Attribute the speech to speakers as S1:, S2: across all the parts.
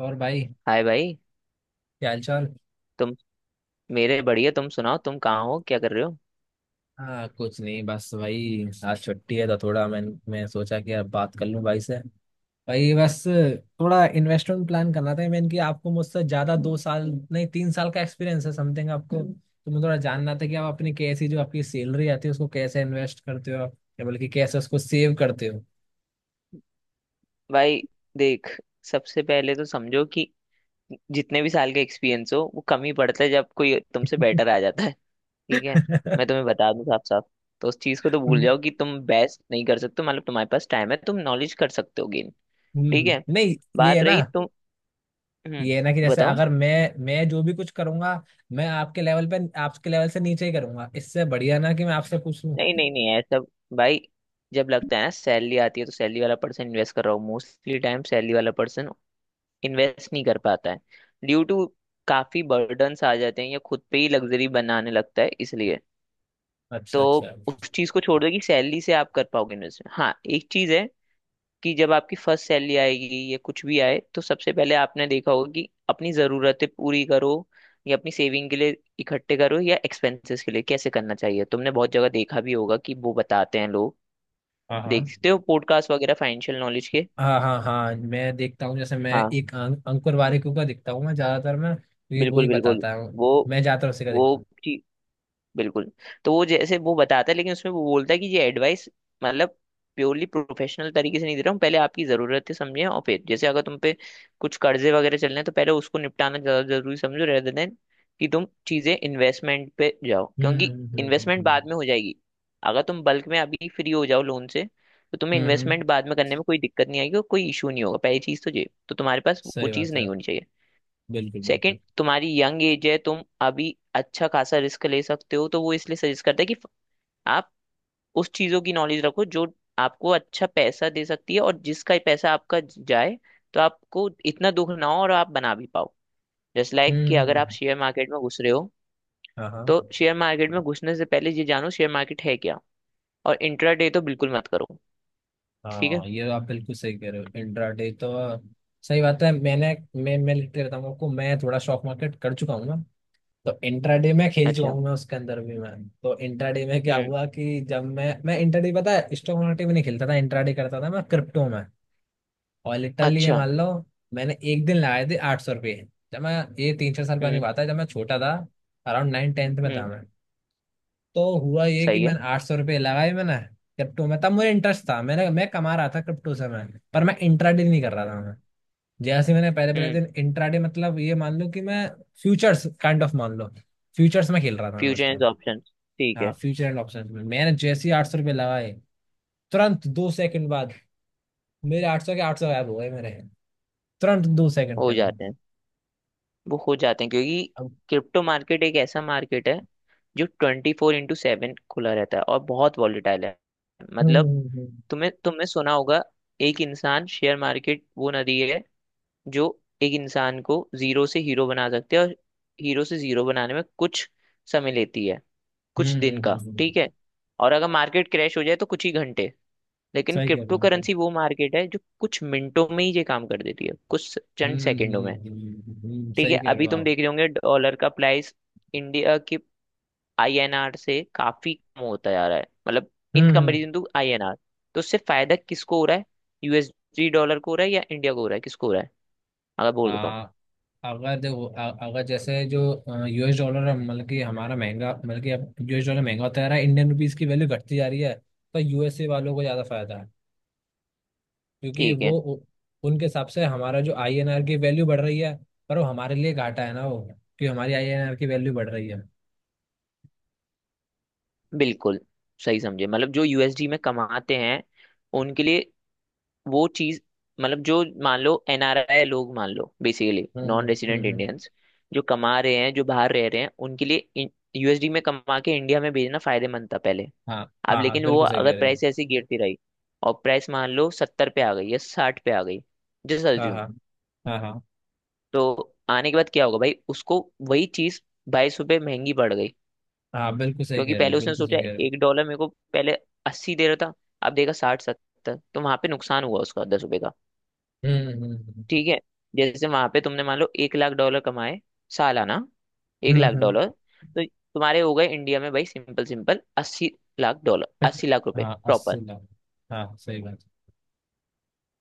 S1: और भाई।
S2: हाय भाई।
S1: क्या हाल चाल।
S2: तुम? मेरे बढ़िया, तुम सुनाओ, तुम कहाँ हो, क्या कर रहे हो?
S1: हाँ कुछ नहीं बस भाई, आज छुट्टी है तो थोड़ा मैं सोचा कि अब बात कर लूं भाई से। भाई बस थोड़ा इन्वेस्टमेंट प्लान करना था मैंने, कि आपको मुझसे ज़्यादा 2 साल नहीं 3 साल का एक्सपीरियंस है समथिंग, आपको तो मैं थोड़ा जानना था कि आप अपनी कैसी, जो आपकी सैलरी आती है उसको कैसे इन्वेस्ट करते हो आप, या बल्कि कैसे उसको सेव करते हो।
S2: भाई देख, सबसे पहले तो समझो कि जितने भी साल का एक्सपीरियंस हो वो कम ही पड़ता है जब कोई तुमसे बेटर आ जाता है। ठीक है, मैं तुम्हें बता दूं साफ साफ। तो उस चीज़ को तो भूल
S1: हम्म,
S2: जाओ कि तुम बेस्ट नहीं कर सकते हो, मतलब तुम्हारे पास टाइम है, तुम नॉलेज कर सकते हो गेन। ठीक है,
S1: नहीं। ये है
S2: बात
S1: ना,
S2: रही तुम। हम्म,
S1: ये है ना, कि जैसे
S2: बताओ।
S1: अगर मैं जो भी कुछ करूंगा मैं आपके लेवल पे आपके लेवल से नीचे ही करूंगा, इससे बढ़िया ना कि मैं आपसे पूछ
S2: नहीं
S1: लूं।
S2: नहीं नहीं, ऐसा भाई, जब लगता है ना सैलरी आती है तो सैलरी वाला पर्सन इन्वेस्ट कर रहा हूँ, मोस्टली टाइम सैलरी वाला पर्सन इन्वेस्ट नहीं कर पाता है। ड्यू टू काफी बर्डन्स आ जाते हैं या खुद पे ही लग्जरी बनाने लगता है, इसलिए तो
S1: अच्छा अच्छा।
S2: उस चीज को छोड़ दो कि सैलरी से आप कर पाओगे इन्वेस्ट। हाँ, एक चीज है कि जब आपकी फर्स्ट सैलरी आएगी या कुछ भी आए तो सबसे पहले आपने देखा होगा कि अपनी जरूरतें पूरी करो या अपनी सेविंग के लिए इकट्ठे करो या एक्सपेंसेस के लिए कैसे करना चाहिए, तुमने बहुत जगह देखा भी होगा कि वो बताते हैं लोग,
S1: हाँ हाँ
S2: देखते हो पॉडकास्ट वगैरह फाइनेंशियल नॉलेज के।
S1: हाँ हाँ। हाँ मैं देखता हूँ, जैसे मैं
S2: हाँ,
S1: एक अंकुर वारिक का देखता हूँ, मैं ज्यादातर मैं क्योंकि वो
S2: बिल्कुल
S1: ही
S2: बिल्कुल।
S1: बताता हूँ,
S2: वो
S1: मैं ज्यादातर उसी का
S2: वो
S1: देखता हूँ।
S2: बिल्कुल। तो वो जैसे वो बताता है, लेकिन उसमें वो बोलता है कि ये एडवाइस, मतलब प्योरली प्रोफेशनल तरीके से नहीं दे रहा हूँ, पहले आपकी ज़रूरतें समझें और फिर जैसे अगर तुम पे कुछ कर्जे वगैरह चल रहे हैं तो पहले उसको निपटाना ज़्यादा ज़रूरी समझो, रहते देन कि तुम चीज़ें इन्वेस्टमेंट पे जाओ, क्योंकि
S1: हम्म हम्म
S2: इन्वेस्टमेंट बाद
S1: हम्म
S2: में हो जाएगी। अगर तुम बल्क में अभी फ्री हो जाओ लोन से तो तुम्हें
S1: हम्म हम्म, हम्म,
S2: इन्वेस्टमेंट बाद में करने में कोई दिक्कत नहीं आएगी और कोई इशू नहीं होगा। पहली चीज़ तो ये, तो तुम्हारे पास वो
S1: सही
S2: चीज़
S1: बात है।
S2: नहीं होनी चाहिए।
S1: बिल्कुल
S2: सेकंड,
S1: बिल्कुल।
S2: तुम्हारी यंग एज है, तुम अभी अच्छा खासा रिस्क ले सकते हो, तो वो इसलिए सजेस्ट करता है कि आप उस चीजों की नॉलेज रखो जो आपको अच्छा पैसा दे सकती है और जिसका पैसा आपका जाए तो आपको इतना दुख ना हो और आप बना भी पाओ। जस्ट लाइक कि अगर
S1: हम्म।
S2: आप शेयर मार्केट में घुस रहे हो
S1: हाँ हाँ।
S2: तो शेयर मार्केट में घुसने से पहले ये जानो शेयर मार्केट है क्या। और इंट्राडे तो बिल्कुल मत करो। ठीक
S1: हाँ
S2: है।
S1: ये आप बिल्कुल सही कह रहे हो, इंट्राडे तो सही बात है। मैंने मैं लिखते रहता हूँ आपको, मैं थोड़ा स्टॉक मार्केट कर चुका हूँ ना, तो इंट्राडे में खेल चुका
S2: अच्छा।
S1: हूँ मैं उसके अंदर भी मैं। तो इंट्राडे में क्या
S2: हम्म।
S1: हुआ कि जब मैं इंट्राडे पता है स्टॉक मार्केट में नहीं खेलता था, इंट्राडे करता था मैं क्रिप्टो में, और लिटरली ये
S2: अच्छा।
S1: मान लो मैंने एक दिन लगाए थे 800 रुपये। जब मैं, ये 3 4 साल पहले की
S2: हम्म
S1: बात है, जब मैं छोटा था, अराउंड नाइन टेंथ में था
S2: हम्म।
S1: मैं। तो हुआ ये कि
S2: सही है।
S1: मैंने 800 रुपये लगाए मैंने क्रिप्टो में, तब मुझे इंटरेस्ट था, मैंने मैं कमा रहा था क्रिप्टो से मैं, पर मैं इंट्राडे नहीं कर रहा था मैं, जैसे मैंने पहले पहले
S2: हम्म।
S1: दिन इंट्राडे मतलब ये मान लो कि मैं फ्यूचर्स काइंड ऑफ मान लो, फ्यूचर्स में खेल रहा था मैं
S2: फ्यूचर
S1: उस
S2: एंड
S1: टाइम।
S2: ऑप्शन, ठीक
S1: हाँ
S2: है।
S1: फ्यूचर एंड ऑप्शन में मैंने जैसे ही 800 रुपये लगाए, तुरंत 2 सेकंड बाद मेरे 800 के 800 गायब हो गए मेरे, तुरंत 2 सेकंड के
S2: हो
S1: अंदर।
S2: जाते हैं, वो हो जाते हैं क्योंकि
S1: अब,
S2: क्रिप्टो मार्केट एक ऐसा मार्केट है जो 24x7 खुला रहता है और बहुत वॉलीटाइल है।
S1: हम्म
S2: मतलब
S1: हम्म
S2: तुम्हें, तुमने सुना होगा, एक इंसान शेयर मार्केट वो नदी है जो एक इंसान को जीरो से हीरो बना सकती है, और हीरो से जीरो बनाने में कुछ समय लेती है,
S1: हम्म
S2: कुछ
S1: हम्म,
S2: दिन
S1: हम्म,
S2: का,
S1: हम्म, हम्म।
S2: ठीक है, और अगर मार्केट क्रैश हो जाए तो कुछ ही घंटे। लेकिन
S1: सही कह
S2: क्रिप्टो
S1: रहे हो आप।
S2: करेंसी वो मार्केट है जो कुछ मिनटों में ही ये काम कर देती है, कुछ चंद सेकंडों में। ठीक है,
S1: सही कह रहे
S2: अभी
S1: हो
S2: तुम
S1: आप।
S2: देख रहे होंगे डॉलर का प्राइस इंडिया की आईएनआर से काफी कम होता जा रहा है, मतलब in
S1: hmm.
S2: Comparison to INR. तो उससे फायदा किसको हो रहा है? यूएसडी डॉलर को हो रहा है या इंडिया को हो रहा है, किसको हो रहा है? अगर बोल देता हूँ,
S1: आ, अगर देखो अगर जैसे जो यूएस डॉलर मतलब कि हमारा महंगा, मतलब कि अब यूएस डॉलर महंगा होता जा रहा है, इंडियन रुपीस की वैल्यू घटती जा रही है, तो यूएसए वालों को ज़्यादा फायदा है, क्योंकि
S2: ठीक
S1: वो
S2: है।
S1: उनके हिसाब से हमारा जो आईएनआर की वैल्यू बढ़ रही है, पर वो हमारे लिए घाटा है ना वो, कि हमारी आईएनआर की वैल्यू बढ़ रही है।
S2: बिल्कुल सही समझे, मतलब जो यूएसडी में कमाते हैं उनके लिए वो चीज, मतलब जो मान लो एनआरआई लोग, मान लो basically
S1: hmm hmm
S2: non resident
S1: hmm hmm.
S2: Indians, जो कमा रहे हैं, जो बाहर रह रहे हैं उनके लिए यूएसडी में कमा के इंडिया में भेजना फायदेमंद था पहले।
S1: हाँ
S2: अब
S1: हाँ हाँ
S2: लेकिन वो
S1: बिल्कुल सही
S2: अगर
S1: कह रहे हो।
S2: प्राइस ऐसी गिरती रही और प्राइस मान लो 70 पे आ गई या 60 पे आ गई, जस्ट
S1: हाँ
S2: अज्यूम,
S1: हाँ हाँ हाँ
S2: तो आने के बाद क्या होगा भाई? उसको वही चीज 22 रुपये महंगी पड़ गई,
S1: हाँ बिल्कुल सही
S2: क्योंकि
S1: कह रहे हो,
S2: पहले उसने
S1: बिल्कुल
S2: सोचा
S1: सही कह रहे हो।
S2: एक डॉलर मेरे को पहले 80 दे रहा था, अब देगा 60-70, तो वहां पे नुकसान हुआ उसका 10 रुपये का।
S1: हम्म हम्म
S2: ठीक है, जैसे वहां पे तुमने मान लो 1 लाख डॉलर कमाए सालाना, एक
S1: हम्म
S2: लाख
S1: हम्म, हम्म।
S2: डॉलर तो तुम्हारे हो गए इंडिया में, भाई simple simple 80 lakh dollar, 80 lakh रुपए
S1: हाँ
S2: प्रॉपर।
S1: 80 लाख। हाँ सही बात।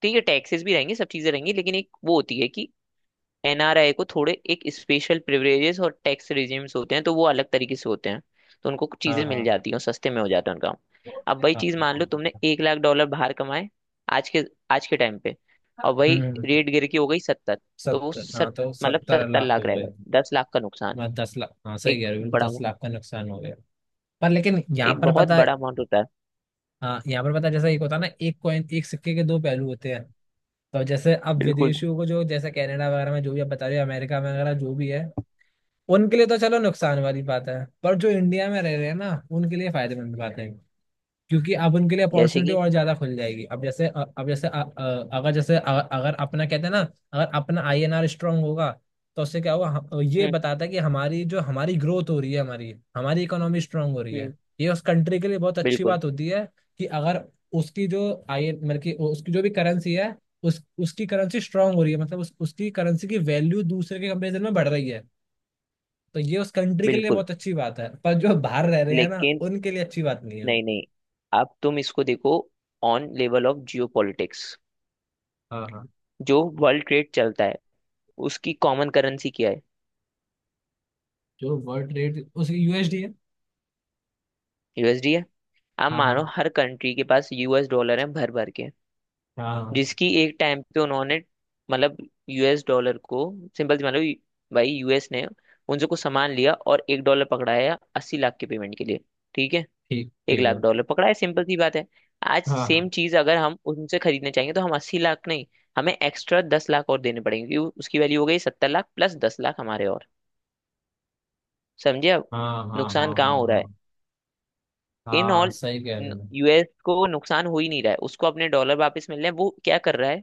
S2: ठीक है, टैक्सेस भी रहेंगे, सब चीजें रहेंगी, लेकिन एक वो होती है कि एनआरआई को थोड़े एक स्पेशल प्रिविलेजेस और टैक्स रिजीम्स होते हैं, तो वो अलग तरीके से होते हैं, तो उनको कुछ
S1: हाँ
S2: चीजें मिल
S1: हाँ।
S2: जाती हैं और सस्ते में हो जाता है उनका काम। अब वही
S1: हाँ,
S2: चीज, मान लो तुमने 1 लाख डॉलर बाहर कमाए, आज के आज के टाइम पे, और वही
S1: हम्म।
S2: रेट गिर के हो गई 70। तो वो
S1: 70। हाँ
S2: सत
S1: तो
S2: मतलब
S1: सत्तर
S2: सत्तर
S1: लाख
S2: लाख
S1: हो
S2: रहेगा,
S1: गए।
S2: 10 लाख का नुकसान।
S1: मैं 10 लाख। हाँ सही
S2: एक
S1: कह रहे हो,
S2: बड़ा
S1: दस लाख का नुकसान हो गया। पर लेकिन यहाँ
S2: एक
S1: पर
S2: बहुत
S1: पता है।
S2: बड़ा अमाउंट होता है।
S1: हाँ यहाँ पर पता है, जैसा एक होता है ना, एक कॉइन, एक सिक्के के दो पहलू होते हैं। तो जैसे अब
S2: बिल्कुल,
S1: विदेशियों को, जो जैसे कनाडा वगैरह में जो भी आप बता रहे हो, अमेरिका में वगैरह जो भी है, उनके लिए तो चलो नुकसान वाली बात है, पर जो इंडिया में रह रहे हैं ना उनके लिए फायदेमंद बात है, क्योंकि अब उनके लिए
S2: जैसे
S1: अपॉर्चुनिटी
S2: कि
S1: और ज्यादा खुल जाएगी। अब जैसे अ- अ- अगर अगर अपना कहते हैं ना, अगर अपना आईएनआर स्ट्रांग होगा तो उससे क्या होगा, ये
S2: हम्म
S1: बताता है कि हमारी जो हमारी ग्रोथ हो रही है हमारी, हमारी इकोनॉमी स्ट्रांग हो रही है,
S2: हम्म।
S1: ये उस कंट्री के लिए बहुत अच्छी
S2: बिल्कुल
S1: बात होती है। कि अगर उसकी जो आई मतलब कि उसकी जो भी करेंसी है, उस उसकी करेंसी स्ट्रांग हो रही है, मतलब उसकी करेंसी की वैल्यू दूसरे के कंपेरिजन में बढ़ रही है, तो ये उस कंट्री के लिए
S2: बिल्कुल,
S1: बहुत अच्छी बात है, पर जो बाहर रह रहे हैं ना
S2: लेकिन
S1: उनके लिए अच्छी बात नहीं है वो।
S2: नहीं नहीं, अब तुम इसको देखो on level of geopolitics,
S1: हाँ हाँ।
S2: जो वर्ल्ड ट्रेड चलता है उसकी कॉमन करेंसी क्या है?
S1: जो वर्ल्ड रेट उस यूएसडी है।
S2: यूएसडी है। आप
S1: हाँ हाँ
S2: मानो हर कंट्री के पास यूएस डॉलर है भर भर के,
S1: हाँ।
S2: जिसकी एक टाइम पे उन्होंने, मतलब यूएस डॉलर को सिंपल सी मानो, भाई यूएस ने उनसे कुछ सामान लिया और एक डॉलर पकड़ाया 80 लाख के पेमेंट के लिए, ठीक है?
S1: ठीक,
S2: एक
S1: ठीक
S2: लाख
S1: है।
S2: डॉलर पकड़ा है, सिंपल सी बात है। आज
S1: हाँ
S2: सेम चीज अगर हम उनसे खरीदने चाहेंगे तो हम 80 लाख नहीं, हमें एक्स्ट्रा 10 लाख और देने पड़ेंगे, क्योंकि उसकी वैल्यू हो गई 70 लाख प्लस 10 लाख हमारे और, समझे अब
S1: हाँ हाँ हाँ
S2: नुकसान
S1: हाँ
S2: कहाँ
S1: हाँ
S2: हो रहा है?
S1: हाँ।
S2: इन
S1: हाँ
S2: ऑल,
S1: सही कह रहे हैं।
S2: यूएस को नुकसान हो ही नहीं रहा है, उसको अपने डॉलर वापस मिल रहे हैं। वो क्या कर रहा है?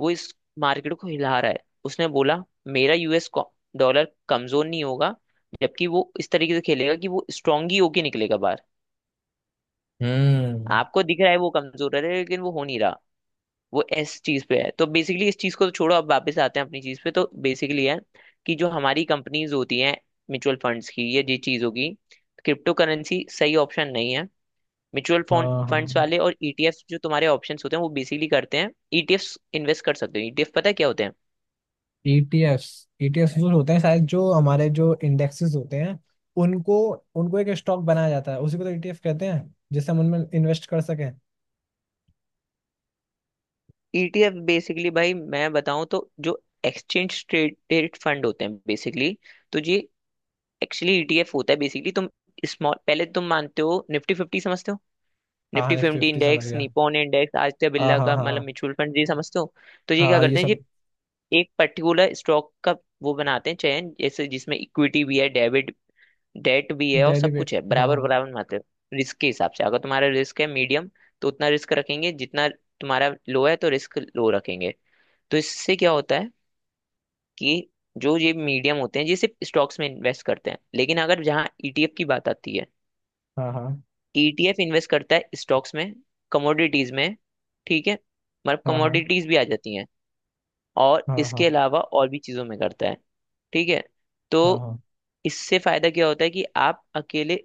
S2: वो इस मार्केट को हिला रहा है। उसने बोला मेरा यूएस डॉलर कमजोर नहीं होगा, जबकि वो इस तरीके से खेलेगा कि वो स्ट्रांग ही होके निकलेगा बाहर।
S1: हम्म।
S2: आपको दिख रहा है वो कमजोर है, लेकिन वो हो नहीं रहा, वो इस चीज पे है। तो बेसिकली इस चीज को तो छोड़ो, अब वापस आते हैं अपनी चीज पे, तो बेसिकली है कि जो हमारी कंपनीज होती हैं म्यूचुअल फंड्स की, ये जी चीज होगी, क्रिप्टो करेंसी सही ऑप्शन नहीं है। म्यूचुअल
S1: हाँ
S2: फंड्स
S1: हाँ।
S2: वाले और ईटीएफ जो तुम्हारे ऑप्शंस होते हैं वो बेसिकली करते हैं। ईटीएफ इन्वेस्ट कर सकते हो, ईटीएफ पता है क्या होते हैं?
S1: ETFs। ETFs जो होते हैं शायद, जो हमारे जो इंडेक्सेस होते हैं उनको, उनको एक स्टॉक बनाया जाता है, उसी को तो ETF कहते हैं, जिससे हम उनमें इन्वेस्ट कर सकें।
S2: ईटीएफ बेसिकली, भाई मैं बताऊं तो जो एक्सचेंज ट्रेडेड फंड होते हैं बेसिकली, तो ये एक्चुअली ईटीएफ होता है। बेसिकली तुम स्मॉल, पहले तुम मानते हो निफ्टी फिफ्टी समझते हो?
S1: हाँ हाँ
S2: निफ्टी
S1: निफ्टी
S2: फिफ्टी
S1: फिफ्टी समझ
S2: इंडेक्स,
S1: गया।
S2: निप्पॉन इंडेक्स, आदित्य
S1: हाँ
S2: बिरला
S1: हाँ
S2: का,
S1: हाँ
S2: मतलब
S1: हाँ।
S2: म्यूचुअल फंड, ये समझते हो? तो ये
S1: हाँ
S2: क्या
S1: हाँ, ये
S2: करते हैं, ये
S1: सब।
S2: एक पर्टिकुलर स्टॉक का वो बनाते हैं चयन, जैसे जिसमें इक्विटी भी है, डेबिट, डेट भी है, और
S1: डेली
S2: सब
S1: पे।
S2: कुछ है, बराबर
S1: हाँ।
S2: बराबर बनाते हैं रिस्क के हिसाब से। अगर तुम्हारा रिस्क है मीडियम तो उतना रिस्क रखेंगे, जितना तुम्हारा लो है तो रिस्क लो रखेंगे। तो इससे क्या होता है कि जो ये मीडियम होते हैं ये सिर्फ स्टॉक्स में इन्वेस्ट करते हैं, लेकिन अगर जहाँ ईटीएफ की बात आती है,
S1: हाँ हाँ
S2: ईटीएफ इन्वेस्ट करता है स्टॉक्स में, कमोडिटीज में, ठीक है, मतलब
S1: हाँ हाँ
S2: कमोडिटीज भी आ जाती हैं और
S1: हाँ हाँ
S2: इसके
S1: हाँ
S2: अलावा और भी चीजों में करता है, ठीक है,
S1: हाँ
S2: तो
S1: हाँ।
S2: इससे फायदा क्या होता है कि आप अकेले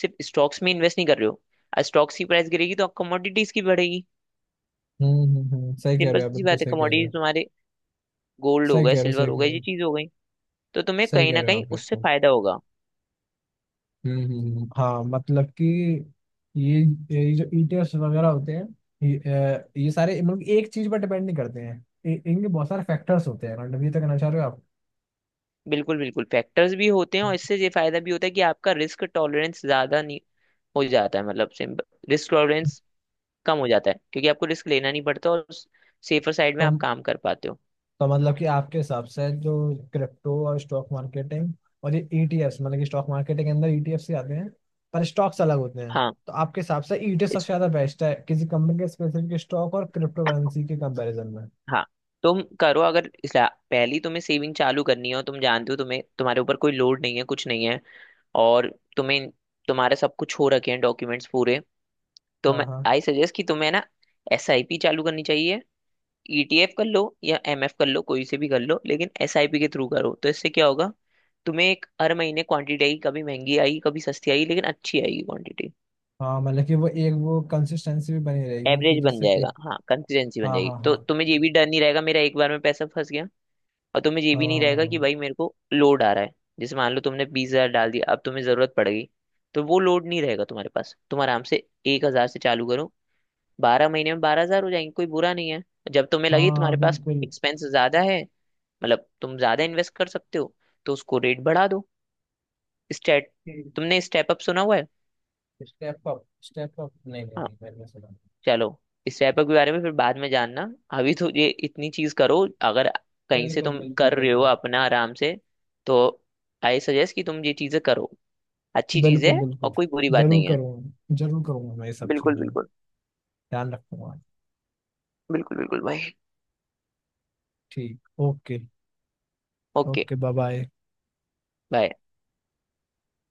S2: सिर्फ स्टॉक्स में इन्वेस्ट नहीं कर रहे हो, स्टॉक्स की प्राइस गिरेगी तो आप कमोडिटीज की बढ़ेगी।
S1: सही कह
S2: सिंपल
S1: रहे हो आप,
S2: सी
S1: बिल्कुल
S2: बात है,
S1: सही कह रहे हो।
S2: कमोडिटीज तुम्हारे गोल्ड हो
S1: सही कह
S2: गए,
S1: रहे हो।
S2: सिल्वर
S1: सही
S2: हो
S1: कह रहे
S2: गए, ये
S1: हो।
S2: चीज हो गई, तो तुम्हें
S1: सही
S2: कहीं
S1: कह
S2: ना
S1: रहे हो
S2: कहीं
S1: आप
S2: उससे
S1: बिल्कुल।
S2: फायदा होगा।
S1: हाँ मतलब कि ये ये जो ETFs वगैरह होते हैं, ये ये सारे मतलब एक चीज पर डिपेंड नहीं करते हैं, इनके बहुत सारे फैक्टर्स होते हैं, मतलब ये तो कहना चाह रहे हो आप।
S2: बिल्कुल बिल्कुल, फैक्टर्स भी होते हैं और इससे ये फायदा भी होता है कि आपका रिस्क टॉलरेंस ज्यादा नहीं हो जाता है, मतलब सिंपल, रिस्क टॉलरेंस कम हो जाता है क्योंकि आपको रिस्क लेना नहीं पड़ता और सेफर साइड में
S1: तो
S2: आप काम कर पाते हो।
S1: तो मतलब कि आपके हिसाब से जो क्रिप्टो और स्टॉक मार्केटिंग और ये ईटीएफ्स मतलब कि स्टॉक मार्केट के अंदर ईटीएफ्स ही आते हैं, पर स्टॉक्स अलग होते हैं,
S2: हाँ
S1: तो आपके हिसाब से ईटीएफ सबसे
S2: इस
S1: ज्यादा बेस्ट है किसी कंपनी के स्पेसिफिक स्टॉक और क्रिप्टो करेंसी के कंपैरिजन में।
S2: हाँ, तुम करो, अगर पहली तुम्हें सेविंग चालू करनी है और तुम जानते हो तुम्हें, तुम्हारे ऊपर कोई लोड नहीं है, कुछ नहीं है, और तुम्हें, तुम्हारा सब कुछ हो रखे हैं डॉक्यूमेंट्स पूरे, तो
S1: हाँ
S2: मैं
S1: हाँ
S2: आई सजेस्ट कि तुम्हें ना एसआईपी चालू करनी चाहिए। ईटीएफ कर लो या एमएफ कर लो, कोई से भी कर लो, लेकिन एसआईपी के थ्रू करो, तो इससे क्या होगा, तुम्हें एक हर महीने क्वांटिटी आएगी, कभी महंगी आएगी, कभी सस्ती आएगी, लेकिन अच्छी आएगी क्वांटिटी,
S1: हाँ मतलब कि वो एक वो कंसिस्टेंसी भी बनी रहेगी, कि
S2: एवरेज बन
S1: जैसे कि।
S2: जाएगा। हाँ, कंसिस्टेंसी बन
S1: हाँ
S2: जाएगी,
S1: हाँ
S2: तो
S1: हाँ
S2: तुम्हें ये भी डर नहीं रहेगा मेरा एक बार में पैसा फंस गया, और तुम्हें ये भी
S1: हाँ
S2: नहीं रहेगा कि
S1: हाँ
S2: भाई मेरे को लोड आ रहा है। जैसे मान लो तुमने 20 हजार डाल दिया, अब तुम्हें जरूरत पड़ेगी तो वो लोड नहीं रहेगा तुम्हारे पास, तुम आराम से 1 हजार से चालू करो, 12 महीने में 12 हजार हो जाएंगे, कोई बुरा नहीं है। जब तुम्हें
S1: हाँ
S2: लगे तुम्हारे
S1: हाँ
S2: पास
S1: बिल्कुल।
S2: एक्सपेंस ज्यादा है, मतलब तुम ज्यादा इन्वेस्ट कर सकते हो, तो उसको रेट बढ़ा दो। स्टेट तुमने स्टेप अप सुना हुआ है?
S1: Step up. स्टेप अप नहीं नहीं
S2: हाँ
S1: नहीं मैंने सुना।
S2: चलो, स्टेप अप के बारे में फिर बाद में जानना, अभी तो ये इतनी चीज करो। अगर कहीं से
S1: बिल्कुल
S2: तुम
S1: बिल्कुल
S2: कर रहे हो
S1: बिल्कुल
S2: अपना आराम से, तो आई सजेस्ट कि तुम ये चीजें करो, अच्छी चीज
S1: बिल्कुल
S2: है और
S1: बिल्कुल।
S2: कोई बुरी बात नहीं है।
S1: जरूर करूँगा मैं ये सब
S2: बिल्कुल
S1: चीज़ें
S2: बिल्कुल,
S1: ध्यान रखूंगा।
S2: बिल्कुल बिल्कुल भाई,
S1: ठीक okay.
S2: Okay
S1: okay bye bye.
S2: Bye.